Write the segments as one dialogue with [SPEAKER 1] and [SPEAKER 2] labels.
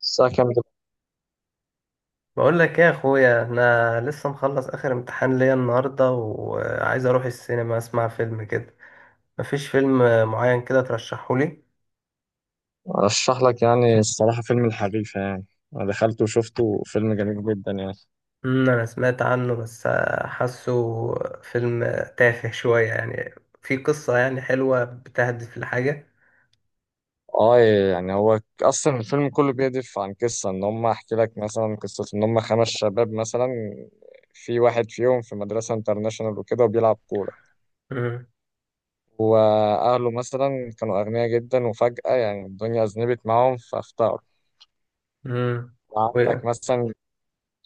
[SPEAKER 1] الساعة كام دلوقتي؟
[SPEAKER 2] بقول لك ايه يا اخويا، انا لسه مخلص اخر امتحان ليا النهارده وعايز اروح السينما اسمع فيلم كده. مفيش فيلم معين كده ترشحه لي؟
[SPEAKER 1] أرشح لك يعني الصراحة فيلم الحريفة يعني. أنا دخلته وشفته فيلم جميل جدا يعني.
[SPEAKER 2] انا سمعت عنه، بس حاسه فيلم تافه شويه يعني. في قصه يعني حلوه بتهدف لحاجه؟
[SPEAKER 1] آه، يعني هو أصلا الفيلم كله بيهدف عن قصة إن هم، أحكي لك مثلا قصة إن هم خمس شباب مثلا. في واحد فيهم في مدرسة انترناشونال وكده وبيلعب كورة.
[SPEAKER 2] امم
[SPEAKER 1] وأهله مثلا كانوا أغنياء جدا وفجأة يعني الدنيا أذنبت معاهم فافتقروا.
[SPEAKER 2] امم
[SPEAKER 1] عندك
[SPEAKER 2] وايه
[SPEAKER 1] مثلا،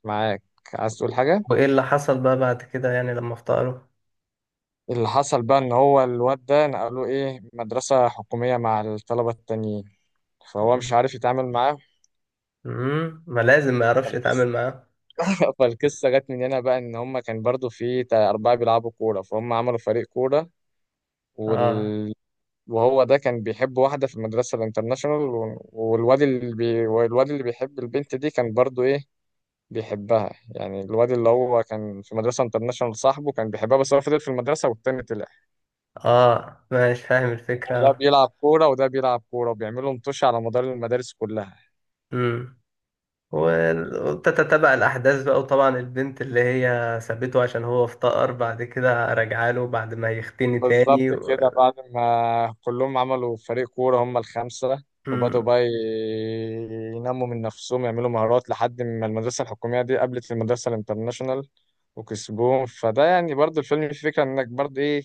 [SPEAKER 1] معاك. عايز تقول حاجة؟
[SPEAKER 2] وإيه اللي حصل بقى بعد كده يعني لما افتقره؟
[SPEAKER 1] اللي حصل بقى ان هو الواد ده نقلوه ايه مدرسة حكومية مع الطلبة التانيين، فهو مش عارف يتعامل معاه.
[SPEAKER 2] امم، ما لازم ما يعرفش يتعامل
[SPEAKER 1] فالقصة
[SPEAKER 2] معاه.
[SPEAKER 1] فالقصة جت من هنا بقى ان هما كان برضو في أربعة بيلعبوا كورة فهم عملوا فريق كورة.
[SPEAKER 2] اه،
[SPEAKER 1] وال... وهو ده كان بيحب واحدة في المدرسة الانترناشونال والواد اللي بيحب البنت دي كان برضو ايه بيحبها يعني. الواد اللي هو كان في مدرسة انترناشونال صاحبه كان بيحبها بس هو فضل في المدرسة والتاني طلع.
[SPEAKER 2] اه ماشي فاهم
[SPEAKER 1] ده
[SPEAKER 2] الفكره.
[SPEAKER 1] بيلعب كورة وده بيلعب كورة وبيعملوا مطوش على مدار المدارس كلها.
[SPEAKER 2] امم وتتتبع الأحداث بقى، وطبعا البنت اللي هي سابته عشان هو افتقر بعد كده رجع له بعد ما يختني تاني
[SPEAKER 1] بالظبط كده، بعد ما كلهم عملوا فريق كورة هم الخمسة، وبدأوا
[SPEAKER 2] مم.
[SPEAKER 1] بقى ينموا من نفسهم يعملوا مهارات لحد ما المدرسة الحكومية دي قابلت المدرسة الانترناشونال وكسبوهم. فده يعني برضه الفيلم فيه فكرة انك برضه ايه،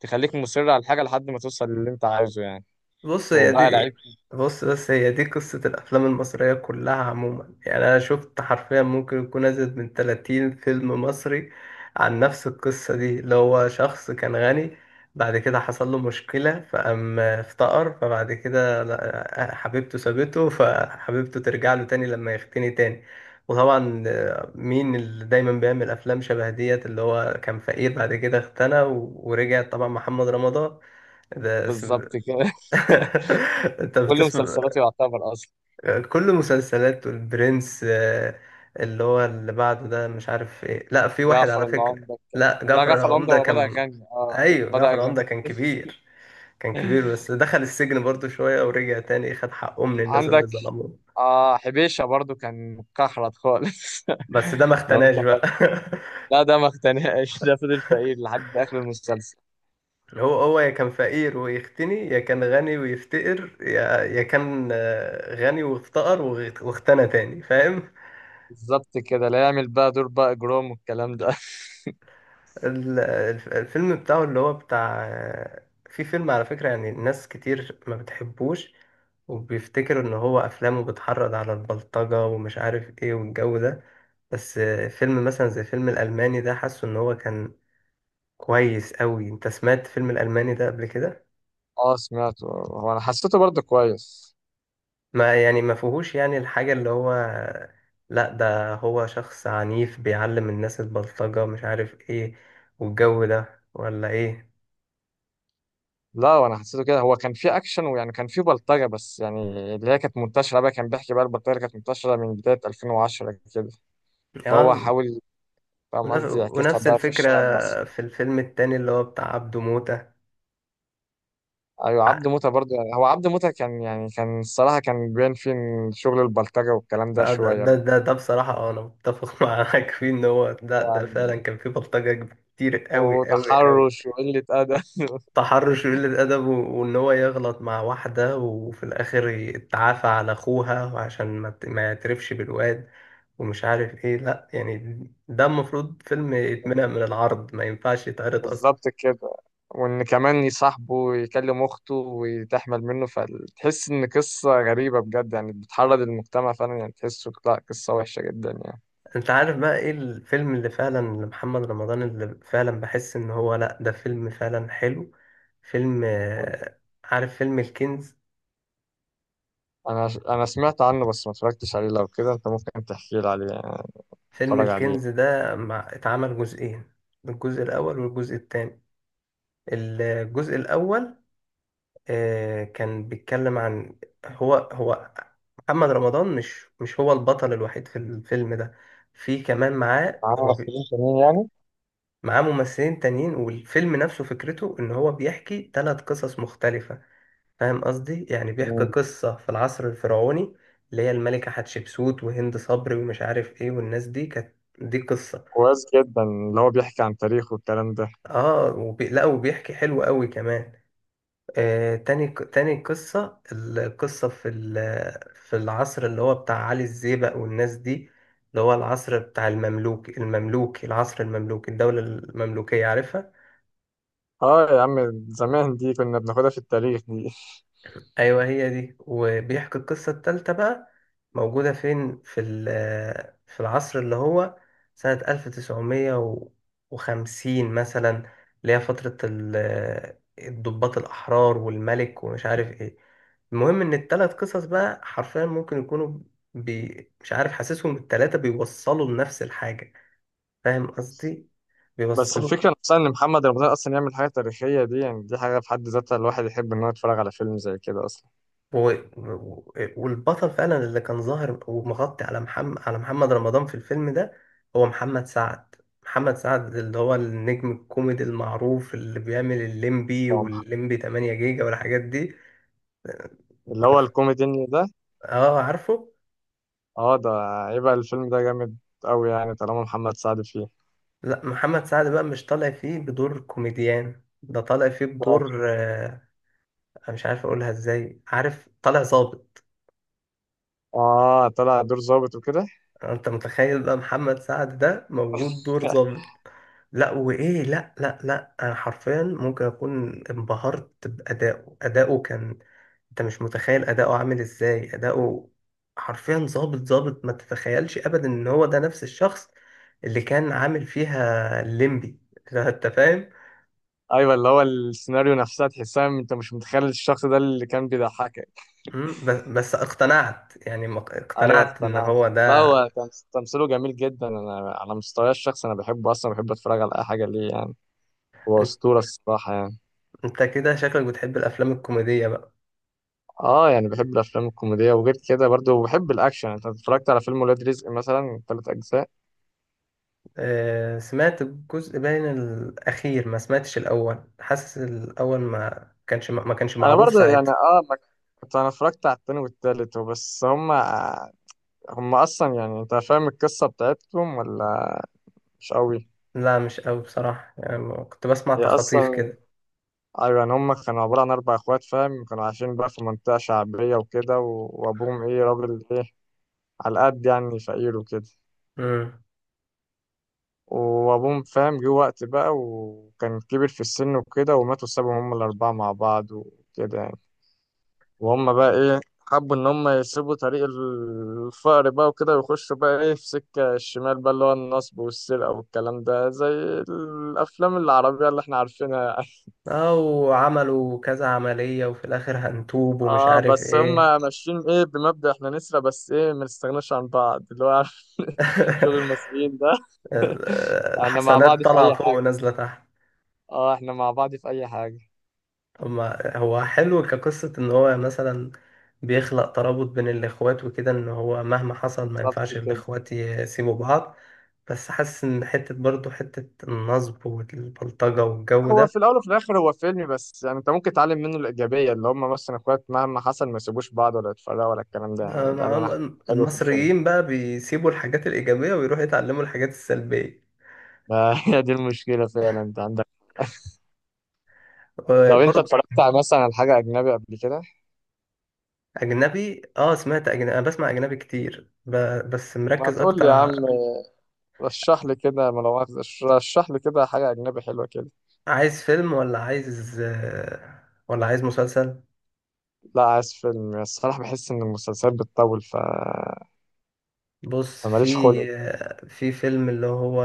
[SPEAKER 1] تخليك مصر على الحاجة لحد ما توصل للي انت عايزه يعني.
[SPEAKER 2] بص هي
[SPEAKER 1] وبقى لعيب.
[SPEAKER 2] دي بص، بس هي دي قصة الأفلام المصرية كلها عموما. يعني أنا شفت حرفيا ممكن يكون أزيد من 30 فيلم مصري عن نفس القصة دي، اللي هو شخص كان غني بعد كده حصل له مشكلة فقام افتقر، فبعد كده حبيبته سابته، فحبيبته ترجع له تاني لما يغتني تاني. وطبعا آه، مين اللي دايما بيعمل أفلام شبه ديت اللي هو كان فقير بعد كده اغتنى ورجع؟ طبعا محمد رمضان ده.
[SPEAKER 1] بالظبط كده.
[SPEAKER 2] انت
[SPEAKER 1] كل
[SPEAKER 2] بتسمع؟
[SPEAKER 1] مسلسلاتي يعتبر اصلا.
[SPEAKER 2] كل مسلسلات والبرنس آه، اللي هو اللي بعده ده مش عارف ايه. لا، في واحد
[SPEAKER 1] جعفر
[SPEAKER 2] على فكرة.
[SPEAKER 1] العمدة.
[SPEAKER 2] لا
[SPEAKER 1] لا
[SPEAKER 2] جعفر
[SPEAKER 1] جعفر العمدة
[SPEAKER 2] العمدة
[SPEAKER 1] هو بدأ
[SPEAKER 2] كان،
[SPEAKER 1] يغني اه
[SPEAKER 2] ايوه
[SPEAKER 1] بدأ
[SPEAKER 2] جعفر العمدة
[SPEAKER 1] يغني
[SPEAKER 2] كان كبير. كان كبير بس دخل السجن برضو شوية ورجع تاني خد حقه من الناس اللي
[SPEAKER 1] عندك.
[SPEAKER 2] ظلموه.
[SPEAKER 1] آه حبيشة برضو كان مكحرت خالص
[SPEAKER 2] بس ده ما
[SPEAKER 1] لو انت
[SPEAKER 2] اختناش بقى.
[SPEAKER 1] فاكر. لا ده ما اقتنعش ده فضل فقير لحد اخر المسلسل.
[SPEAKER 2] هو هو يا كان فقير ويختني، يا كان غني ويفتقر، يا يا كان آه، غني وافتقر واختنى تاني، فاهم؟
[SPEAKER 1] بالظبط كده، لا يعمل بقى دور بقى جروم والكلام ده.
[SPEAKER 2] الفيلم بتاعه اللي هو بتاع، في فيلم على فكرة يعني ناس كتير ما بتحبوش وبيفتكروا ان هو افلامه بتحرض على البلطجة ومش عارف ايه والجو ده. بس فيلم مثلا زي فيلم الالماني ده حاسه ان هو كان كويس قوي. انت سمعت فيلم الالماني ده قبل كده؟
[SPEAKER 1] اه، سمعته، هو انا حسيته برضو كويس.
[SPEAKER 2] ما يعني ما فيهوش يعني الحاجة اللي هو، لا ده هو شخص عنيف بيعلم الناس البلطجة مش عارف ايه والجو ده، ولا ايه؟
[SPEAKER 1] لا وانا حسيته كده، هو كان فيه اكشن ويعني كان فيه بلطجة بس يعني اللي هي كانت منتشرة بقى، كان بيحكي بقى البلطجة اللي كانت منتشرة من بداية 2010 كده، فهو
[SPEAKER 2] اه.
[SPEAKER 1] حاول فاهم قصدي
[SPEAKER 2] ونف-
[SPEAKER 1] يعكسها
[SPEAKER 2] ونفس
[SPEAKER 1] بقى في
[SPEAKER 2] الفكرة
[SPEAKER 1] الشارع المصري.
[SPEAKER 2] في الفيلم التاني اللي هو بتاع عبده موتة.
[SPEAKER 1] ايوه
[SPEAKER 2] ع-
[SPEAKER 1] عبد موتة برضه. هو عبد موتة كان يعني كان الصراحة كان بين فين، شغل البلطجة والكلام ده
[SPEAKER 2] ده ده
[SPEAKER 1] شوية
[SPEAKER 2] ده,
[SPEAKER 1] بقى.
[SPEAKER 2] ده, ده بصراحة آه، أنا متفق معاك فيه، إن هو ده
[SPEAKER 1] يعني
[SPEAKER 2] فعلا كان فيه بلطجة كتير أوي أوي أوي.
[SPEAKER 1] وتحرش وقلة أدب.
[SPEAKER 2] تحرش وقلة أدب، وإن هو يغلط مع واحدة وفي الآخر يتعافى على أخوها، وعشان ما يعترفش بالواد ومش عارف إيه. لأ يعني ده المفروض فيلم يتمنع من العرض، ما ينفعش يتعرض أصلا.
[SPEAKER 1] بالظبط كده. وإن كمان يصاحبه ويكلم أخته وتحمل منه فتحس إن قصة غريبة بجد يعني بتحرض المجتمع فعلا، يعني تحسه لا قصة وحشة جدا يعني.
[SPEAKER 2] انت عارف بقى ايه الفيلم اللي فعلا لمحمد رمضان اللي فعلا بحس ان هو لا ده فيلم فعلا حلو؟ فيلم آه، عارف فيلم الكنز؟
[SPEAKER 1] أنا سمعت عنه بس ما اتفرجتش عليه، لو كده أنت ممكن تحكي لي عليه يعني،
[SPEAKER 2] فيلم
[SPEAKER 1] اتفرج عليه.
[SPEAKER 2] الكنز ده مع اتعمل جزئين، الجزء الاول والجزء الثاني. الجزء الاول آه، كان بيتكلم عن، هو هو محمد رمضان مش هو البطل الوحيد في الفيلم ده. في كمان معاه،
[SPEAKER 1] عامل
[SPEAKER 2] هو
[SPEAKER 1] ممثلين تانيين يعني؟
[SPEAKER 2] معاه ممثلين تانيين، والفيلم نفسه فكرته ان هو بيحكي ثلاث قصص مختلفة، فاهم قصدي؟ يعني بيحكي
[SPEAKER 1] مم.
[SPEAKER 2] قصة في العصر الفرعوني، اللي هي الملكة حتشبسوت وهند صبري ومش عارف ايه والناس دي، كانت دي قصة.
[SPEAKER 1] كويس جدا، اللي هو بيحكي عن تاريخه والكلام ده.
[SPEAKER 2] لا وبيحكي حلو قوي كمان. آه، تاني قصة، القصة في في العصر اللي هو بتاع علي الزيبق والناس دي، اللي هو العصر بتاع المملوكي، العصر المملوكي، الدولة المملوكية، عارفها؟
[SPEAKER 1] اه يا عم زمان دي كنا بناخدها في التاريخ دي.
[SPEAKER 2] ايوه هي دي. وبيحكي القصه التالتة بقى، موجوده فين؟ في في العصر اللي هو سنه 1950 مثلا، اللي هي فتره الضباط الاحرار والملك ومش عارف ايه. المهم ان التلات قصص بقى حرفيا ممكن يكونوا، مش عارف حاسسهم التلاتة بيوصلوا لنفس الحاجه، فاهم قصدي؟
[SPEAKER 1] بس
[SPEAKER 2] بيوصلوا.
[SPEAKER 1] الفكرة نفسها ان محمد رمضان اصلا يعمل حاجة تاريخية دي، يعني دي حاجة في حد ذاتها الواحد يحب ان هو يتفرج على فيلم زي كده اصلا.
[SPEAKER 2] و... و- والبطل فعلا اللي كان ظاهر ومغطي على محمد، على محمد رمضان في الفيلم ده هو محمد سعد. محمد سعد اللي هو النجم الكوميدي المعروف اللي بيعمل الليمبي
[SPEAKER 1] هو مح-
[SPEAKER 2] والليمبي 8 جيجا والحاجات دي.
[SPEAKER 1] اللي
[SPEAKER 2] أنت
[SPEAKER 1] هو
[SPEAKER 2] ف-
[SPEAKER 1] الكوميدي ده.
[SPEAKER 2] اه عارفه.
[SPEAKER 1] اه ده. يبقى الفيلم ده جامد قوي يعني طالما محمد سعد فيه.
[SPEAKER 2] لا، محمد سعد بقى مش طالع فيه بدور كوميديان، ده طالع فيه بدور آه، أنا مش عارف اقولها ازاي، عارف؟ طالع ظابط.
[SPEAKER 1] اه طلع دور ظابط وكده.
[SPEAKER 2] انت متخيل بقى محمد سعد ده موجود دور ظابط؟ لا وايه، لا لا لا، انا حرفيا ممكن اكون انبهرت بادائه. اداؤه كان، انت مش متخيل اداؤه عامل ازاي. اداؤه حرفيا ظابط ظابط، ما تتخيلش ابدا ان هو ده نفس الشخص اللي كان عامل فيها الليمبي. انت فاهم؟
[SPEAKER 1] ايوه، اللي هو السيناريو نفسها تحسها انت مش متخيل الشخص ده اللي كان بيضحكك.
[SPEAKER 2] مم، بس اقتنعت يعني،
[SPEAKER 1] ايوه
[SPEAKER 2] اقتنعت ان
[SPEAKER 1] اقتنعت.
[SPEAKER 2] هو
[SPEAKER 1] لا
[SPEAKER 2] ده.
[SPEAKER 1] هو كان تمثيله جميل جدا، انا على مستواي الشخصي انا بحبه اصلا، بحب اتفرج على اي حاجة ليه يعني. هو
[SPEAKER 2] انت
[SPEAKER 1] أسطورة الصراحة يعني.
[SPEAKER 2] أنت كده شكلك بتحب الافلام الكوميدية بقى.
[SPEAKER 1] اه يعني بحب الافلام الكوميديه وغير كده برضو بحب الاكشن. انت اتفرجت على فيلم ولاد رزق مثلا 3 اجزاء؟
[SPEAKER 2] آه، سمعت الجزء باين الأخير، ما سمعتش الأول، حاسس الأول ما كانش
[SPEAKER 1] انا
[SPEAKER 2] معروف
[SPEAKER 1] برضو يعني
[SPEAKER 2] ساعتها.
[SPEAKER 1] اه، ما كنت انا اتفرجت على التاني والتالت وبس. هم، هم اصلا يعني انت فاهم القصه بتاعتهم ولا مش قوي؟
[SPEAKER 2] لا مش قوي بصراحة يعني، كنت بسمع
[SPEAKER 1] هي
[SPEAKER 2] تخاطيف
[SPEAKER 1] اصلا
[SPEAKER 2] كده.
[SPEAKER 1] ايوه يعني هم كانوا عباره عن 4 اخوات، فاهم، كانوا عايشين بقى في منطقه شعبيه وكده وابوهم ايه راجل ايه على قد يعني فقير وكده.
[SPEAKER 2] امم.
[SPEAKER 1] وابوهم فاهم جه وقت بقى وكان كبر في السن وكده وماتوا سابهم هم الاربعه مع بعض وكده يعني. وهم بقى ايه حبوا ان هم يسيبوا طريق الفقر بقى وكده ويخشوا بقى ايه في سكه الشمال بقى اللي هو النصب والسرقه والكلام ده زي الافلام العربيه اللي احنا عارفينها يعني.
[SPEAKER 2] أو عملوا كذا عملية وفي الآخر هنتوب ومش
[SPEAKER 1] اه
[SPEAKER 2] عارف
[SPEAKER 1] بس هم
[SPEAKER 2] إيه.
[SPEAKER 1] ماشيين ايه بمبدأ احنا نسرق بس ايه ما نستغناش عن بعض، اللي هو عارف شغل المصريين ده. احنا مع
[SPEAKER 2] الحسنات
[SPEAKER 1] بعض في
[SPEAKER 2] طالعة
[SPEAKER 1] اي
[SPEAKER 2] فوق
[SPEAKER 1] حاجه.
[SPEAKER 2] ونازلة تحت.
[SPEAKER 1] اه احنا مع بعض في اي حاجه.
[SPEAKER 2] أما هو حلو كقصة إن هو مثلا بيخلق ترابط بين الإخوات وكده، إن هو مهما حصل ما
[SPEAKER 1] بالظبط
[SPEAKER 2] ينفعش
[SPEAKER 1] كده.
[SPEAKER 2] الإخوات يسيبوا بعض. بس حاسس إن حتة برضه، حتة النصب والبلطجة والجو
[SPEAKER 1] هو
[SPEAKER 2] ده،
[SPEAKER 1] في الاول وفي الاخر هو فيلم بس، يعني انت ممكن تتعلم منه الايجابيه اللي هم مثلا اخوات مهما حصل ما يسيبوش بعض ولا يتفرقوا ولا الكلام ده
[SPEAKER 2] ده
[SPEAKER 1] ده
[SPEAKER 2] مع
[SPEAKER 1] اللي انا حلو في الفيلم
[SPEAKER 2] المصريين بقى بيسيبوا الحاجات الإيجابية ويروحوا يتعلموا الحاجات السلبية.
[SPEAKER 1] ده. هي دي المشكله فعلا انت عندك. لو انت
[SPEAKER 2] برضه.
[SPEAKER 1] اتفرجت على مثلا على حاجه اجنبي قبل كده
[SPEAKER 2] أجنبي، آه سمعت أجنبي، أنا بسمع أجنبي كتير بس
[SPEAKER 1] ما
[SPEAKER 2] مركز
[SPEAKER 1] تقول لي
[SPEAKER 2] أكتر
[SPEAKER 1] يا عم رشح لي كده، ما لو رشح لي كده حاجه اجنبي حلوه كده.
[SPEAKER 2] عايز فيلم ولا عايز آه، ولا عايز مسلسل؟
[SPEAKER 1] لا عايز فيلم الصراحه، بحس ان المسلسلات بتطول ف
[SPEAKER 2] بص، في،
[SPEAKER 1] ماليش خلق.
[SPEAKER 2] في فيلم اللي هو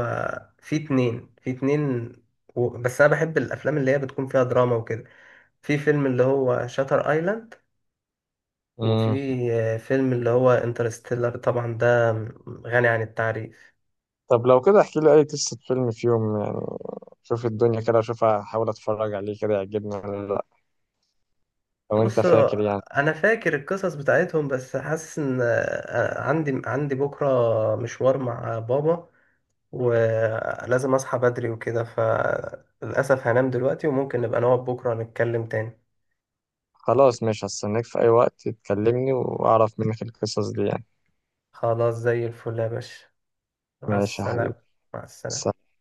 [SPEAKER 2] في اتنين، في اتنين بس انا بحب الافلام اللي هي بتكون فيها دراما وكده. في فيلم اللي هو شاتر ايلاند، وفي
[SPEAKER 1] مم.
[SPEAKER 2] فيلم اللي هو انترستيلر، طبعا ده غني عن التعريف.
[SPEAKER 1] طب لو كده احكي لي اي قصه فيلم في يوم يعني، شوف الدنيا كده اشوف احاول اتفرج عليه كده يعجبني ولا لا. لو انت
[SPEAKER 2] بص،
[SPEAKER 1] فاكر يعني.
[SPEAKER 2] انا فاكر القصص بتاعتهم، بس حاسس ان آه، عندي بكره مشوار مع بابا ولازم اصحى بدري وكده، فللاسف هنام دلوقتي وممكن نبقى نقعد بكره نتكلم تاني.
[SPEAKER 1] خلاص ماشي، هستناك في اي وقت تكلمني واعرف منك القصص دي يعني.
[SPEAKER 2] خلاص، زي الفل يا باشا. مع
[SPEAKER 1] ماشي يا حبيبي.
[SPEAKER 2] السلامة. مع السلامة.
[SPEAKER 1] سلام.